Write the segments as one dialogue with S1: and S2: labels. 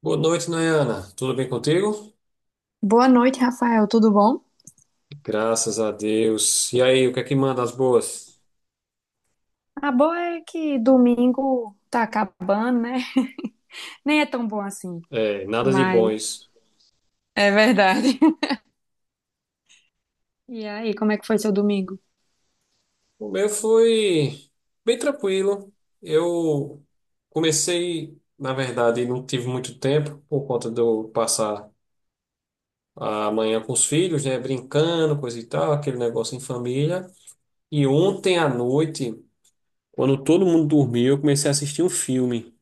S1: Boa noite, Nayana. Tudo bem contigo?
S2: Boa noite, Rafael. Tudo bom?
S1: Graças a Deus. E aí, o que é que manda as boas?
S2: A boa é que domingo tá acabando, né? Nem é tão bom assim,
S1: É, nada de
S2: mas
S1: bons.
S2: é verdade. E aí, como é que foi seu domingo?
S1: O meu foi bem tranquilo. Eu Na verdade, não tive muito tempo por conta de eu passar a manhã com os filhos, né, brincando, coisa e tal, aquele negócio em família. E ontem à noite, quando todo mundo dormiu, eu comecei a assistir um filme,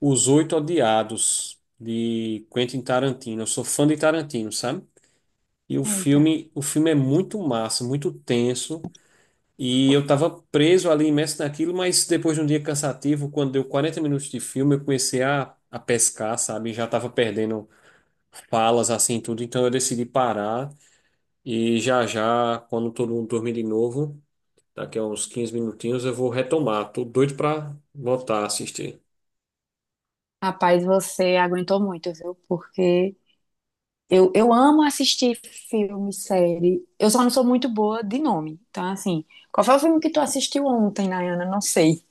S1: Os Oito Odiados, de Quentin Tarantino. Eu sou fã de Tarantino, sabe? E o
S2: Eita.
S1: filme, o filme é muito massa, muito tenso. E eu tava preso ali, imerso naquilo, mas depois de um dia cansativo, quando deu 40 minutos de filme, eu comecei a pescar, sabe? Já tava perdendo falas, assim, tudo. Então eu decidi parar. E já já, quando todo mundo dormir de novo, daqui a uns 15 minutinhos, eu vou retomar. Tô doido pra voltar a assistir.
S2: Rapaz, você aguentou muito, viu? Porque eu amo assistir filme, série. Eu só não sou muito boa de nome. Então, assim, qual foi o filme que tu assistiu ontem, Nayana? Não sei.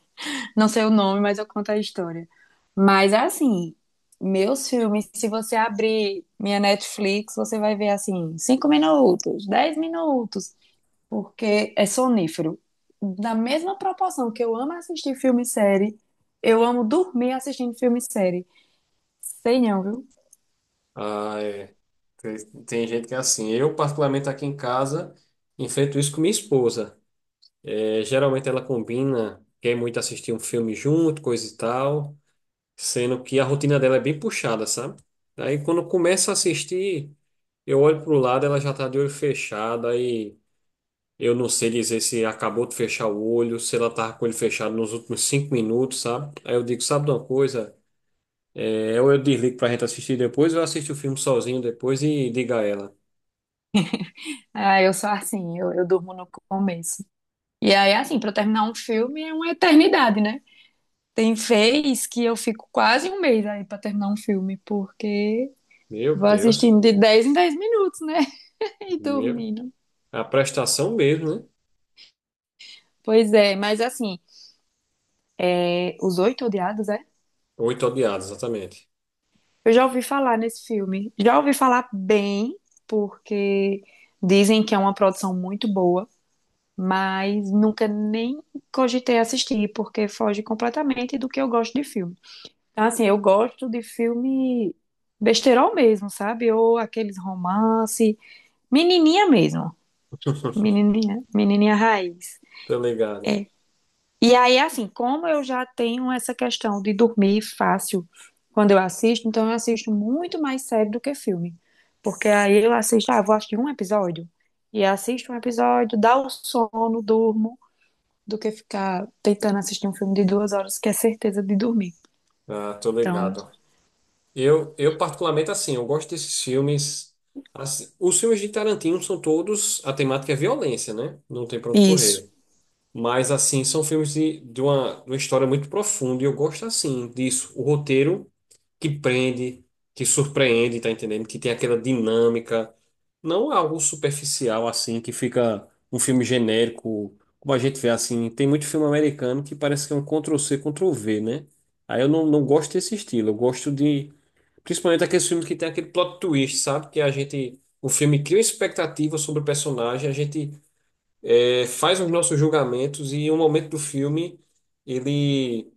S2: Não sei o nome, mas eu conto a história. Mas é assim, meus filmes, se você abrir minha Netflix, você vai ver assim, 5 minutos, 10 minutos, porque é sonífero. Da mesma proporção que eu amo assistir filme e série, eu amo dormir assistindo filme e série. Sei não, viu?
S1: Ah, é. Tem, tem gente que é assim. Eu, particularmente aqui em casa, enfrento isso com minha esposa. É, geralmente ela combina, quer muito assistir um filme junto, coisa e tal, sendo que a rotina dela é bem puxada, sabe? Aí quando começa a assistir, eu olho pro lado, ela já tá de olho fechado, aí eu não sei dizer se acabou de fechar o olho, se ela tava com ele fechado nos últimos 5 minutos, sabe? Aí eu digo, sabe de uma coisa? É, ou eu desligo pra gente assistir depois, ou eu assisto o filme sozinho depois e digo a ela,
S2: Ah, eu sou assim, eu durmo no começo. E aí, assim, pra eu terminar um filme é uma eternidade, né? Tem vez que eu fico quase um mês aí pra terminar um filme, porque
S1: meu
S2: vou
S1: Deus,
S2: assistindo de 10 em 10 minutos, né? E
S1: meu,
S2: dormindo.
S1: a prestação mesmo, né?
S2: Pois é, mas assim, é, Os Oito Odiados, é?
S1: Oito odiados, exatamente.
S2: Eu já ouvi falar nesse filme. Já ouvi falar bem, porque dizem que é uma produção muito boa, mas nunca nem cogitei assistir, porque foge completamente do que eu gosto de filme. Então, assim, eu gosto de filme besteirol mesmo, sabe? Ou aqueles romance, menininha mesmo. Menininha, menininha raiz.
S1: Tô ligado.
S2: E aí, assim, como eu já tenho essa questão de dormir fácil quando eu assisto, então eu assisto muito mais série do que filme. Porque aí eu assisto, ah, vou assistir um episódio. E assisto um episódio, dá o sono, durmo, do que ficar tentando assistir um filme de 2 horas, que é certeza de dormir.
S1: Ah, tô
S2: Então,
S1: ligado. Eu particularmente, assim, eu gosto desses filmes. Assim, os filmes de Tarantino são todos, a temática é violência, né? Não tem pra onde
S2: isso.
S1: correr. Mas, assim, são filmes de uma história muito profunda e eu gosto, assim, disso. O roteiro que prende, que surpreende, tá entendendo? Que tem aquela dinâmica. Não algo superficial, assim, que fica um filme genérico, como a gente vê, assim. Tem muito filme americano que parece que é um Ctrl-C, Ctrl-V, né? Aí eu não, não gosto desse estilo. Eu gosto de. Principalmente aqueles filmes que tem aquele plot twist, sabe? Que a gente. O filme cria expectativa sobre o personagem, a gente faz os nossos julgamentos e em um momento do filme ele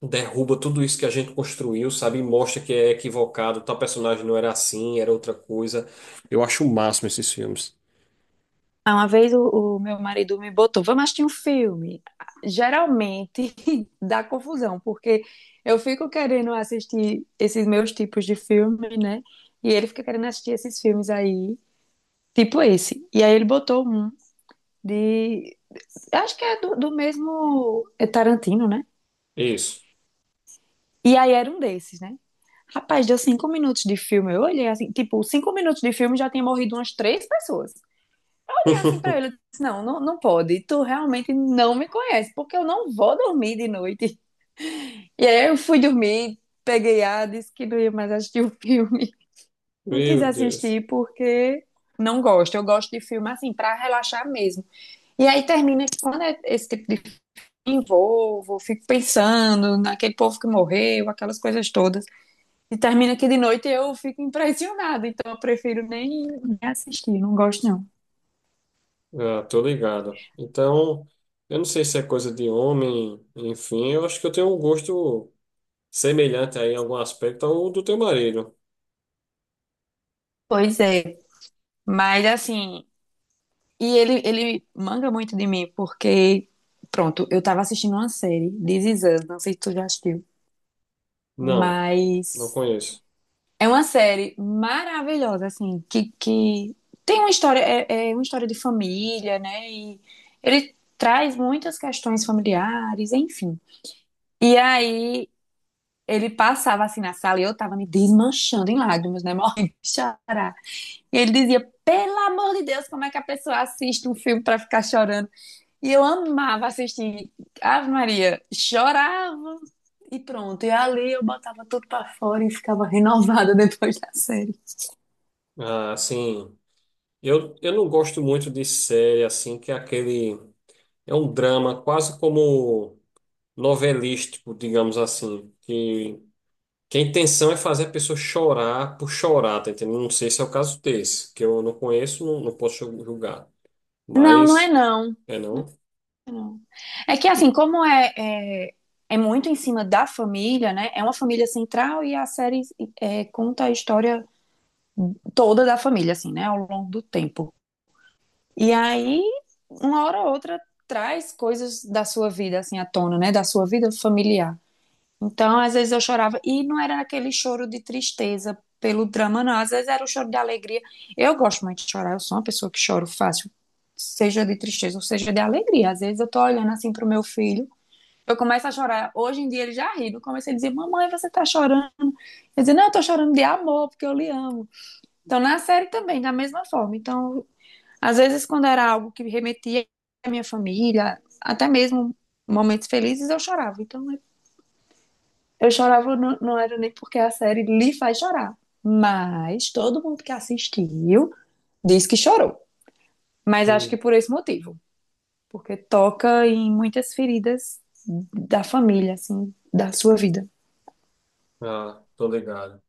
S1: derruba tudo isso que a gente construiu, sabe? E mostra que é equivocado, tal personagem não era assim, era outra coisa. Eu acho o máximo esses filmes.
S2: Ah, uma vez o meu marido me botou, vamos assistir um filme. Geralmente dá confusão, porque eu fico querendo assistir esses meus tipos de filme, né? E ele fica querendo assistir esses filmes aí, tipo esse. E aí ele botou um de. Eu acho que é do mesmo é Tarantino, né?
S1: Isso.
S2: E aí era um desses, né? Rapaz, deu 5 minutos de filme. Eu olhei assim, tipo, 5 minutos de filme já tinha morrido umas três pessoas. E assim pra ele, eu disse, não, não, não pode, tu realmente não me conhece, porque eu não vou dormir de noite. E aí eu fui dormir, peguei a, disse que não ia mais assistir o filme. Não quis
S1: Meu Deus.
S2: assistir porque não gosto. Eu gosto de filme assim, pra relaxar mesmo. E aí termina que quando é esse tipo de filme, envolvo, fico pensando naquele povo que morreu, aquelas coisas todas. E termina que de noite eu fico impressionada. Então eu prefiro nem assistir, não gosto não.
S1: Ah, tô ligado. Então, eu não sei se é coisa de homem, enfim, eu acho que eu tenho um gosto semelhante aí em algum aspecto ao do teu marido.
S2: Pois é. Mas assim, e ele manga muito de mim, porque, pronto, eu tava assistindo uma série, This Is Us, não sei se tu já assistiu,
S1: Não, não
S2: mas
S1: conheço.
S2: é uma série maravilhosa, assim, que tem uma história, é uma história de família, né? E ele traz muitas questões familiares, enfim. E aí ele passava assim na sala e eu tava me desmanchando em lágrimas, né? Morrendo de chorar. E ele dizia: pelo amor de Deus, como é que a pessoa assiste um filme pra ficar chorando? E eu amava assistir Ave Maria, chorava e pronto. E ali eu botava tudo pra fora e ficava renovada depois da série.
S1: Ah, sim. Eu não gosto muito de série assim, que é aquele. É um drama quase como novelístico, digamos assim. Que a intenção é fazer a pessoa chorar por chorar, tá entendendo? Não sei se é o caso desse, que eu não conheço, não, não posso julgar.
S2: Não, não é
S1: Mas,
S2: não.
S1: é não?
S2: Não. É que assim, como é muito em cima da família, né? É uma família central e a série é, conta a história toda da família, assim, né? Ao longo do tempo. E aí, uma hora ou outra, traz coisas da sua vida, assim, à tona, né? Da sua vida familiar. Então, às vezes eu chorava, e não era aquele choro de tristeza pelo drama, não, às vezes era o choro de alegria. Eu gosto muito de chorar, eu sou uma pessoa que choro fácil, seja de tristeza ou seja de alegria. Às vezes eu tô olhando assim pro meu filho, eu começo a chorar. Hoje em dia ele já ri, eu comecei a dizer: Mamãe, você tá chorando? Eu dizia: Não, eu tô chorando de amor, porque eu lhe amo. Então, na série também, da mesma forma. Então, às vezes, quando era algo que remetia à minha família, até mesmo momentos felizes, eu chorava. Então, é eu chorava, não, não era nem porque a série lhe faz chorar, mas todo mundo que assistiu diz que chorou. Mas acho que
S1: Hum.
S2: por esse motivo, porque toca em muitas feridas da família, assim, da sua vida.
S1: Ah, tô ligado.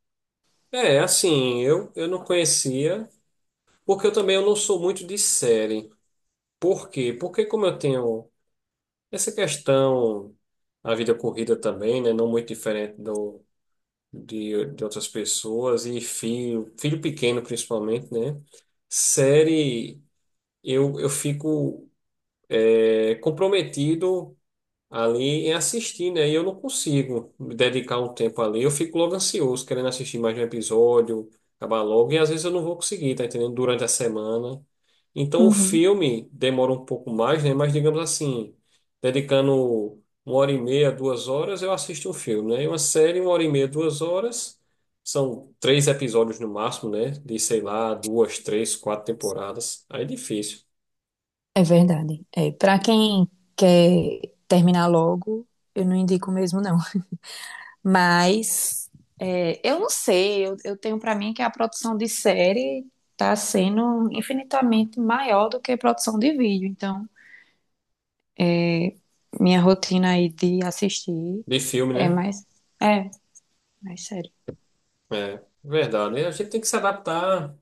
S1: É, assim, eu não conhecia, porque eu também eu não sou muito de série. Por quê? Porque como eu tenho. Essa questão, a vida corrida também, né? Não muito diferente do, de outras pessoas, e filho, filho pequeno principalmente, né? Série, eu fico comprometido ali em assistir, né? E eu não consigo me dedicar um tempo ali. Eu fico logo ansioso, querendo assistir mais um episódio, acabar logo, e às vezes eu não vou conseguir, tá entendendo? Durante a semana. Então o
S2: Uhum.
S1: filme demora um pouco mais, né? Mas digamos assim, dedicando uma hora e meia, 2 horas, eu assisto um filme, né? E uma série, uma hora e meia, duas horas. São três episódios no máximo, né? De, sei lá, duas, três, quatro temporadas. Aí é difícil.
S2: É verdade. É, para quem quer terminar logo, eu não indico mesmo, não. Mas é, eu não sei, eu tenho para mim que a produção de série tá sendo infinitamente maior do que a produção de vídeo. Então, minha rotina aí de assistir
S1: De filme,
S2: é
S1: né?
S2: mais, é, mais sério.
S1: É, verdade. Né? A gente tem que se adaptar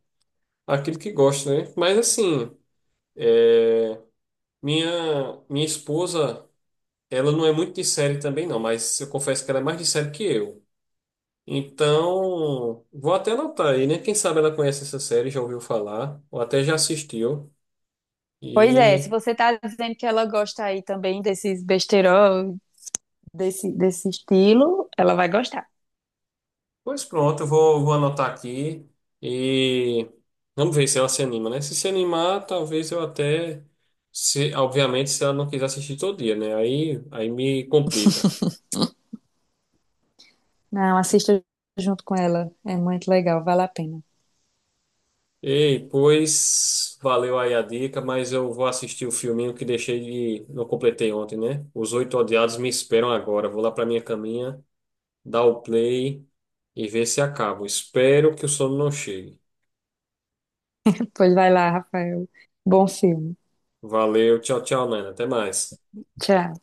S1: aquilo que gosta, né? Mas assim, é, minha esposa, ela não é muito de série também não, mas eu confesso que ela é mais de série que eu. Então, vou até anotar aí, né? Quem sabe ela conhece essa série, já ouviu falar, ou até já assistiu.
S2: Pois é, se
S1: E,
S2: você tá dizendo que ela gosta aí também desses besteirol, desse estilo, ela vai gostar.
S1: pois pronto, eu vou anotar aqui e vamos ver se ela se anima, né? Se se animar, talvez eu até, se, obviamente, se ela não quiser assistir todo dia, né? Aí me complica.
S2: Não, assista junto com ela, é muito legal, vale a pena.
S1: Ei, pois valeu aí a dica, mas eu vou assistir o filminho que deixei de. Não completei ontem, né? Os Oito Odiados me esperam agora. Vou lá pra minha caminha, dar o play e ver se acabo. Espero que o sono não chegue.
S2: Pois vai lá, Rafael. Bom filme.
S1: Valeu, tchau, tchau, Nana. Até mais.
S2: Tchau.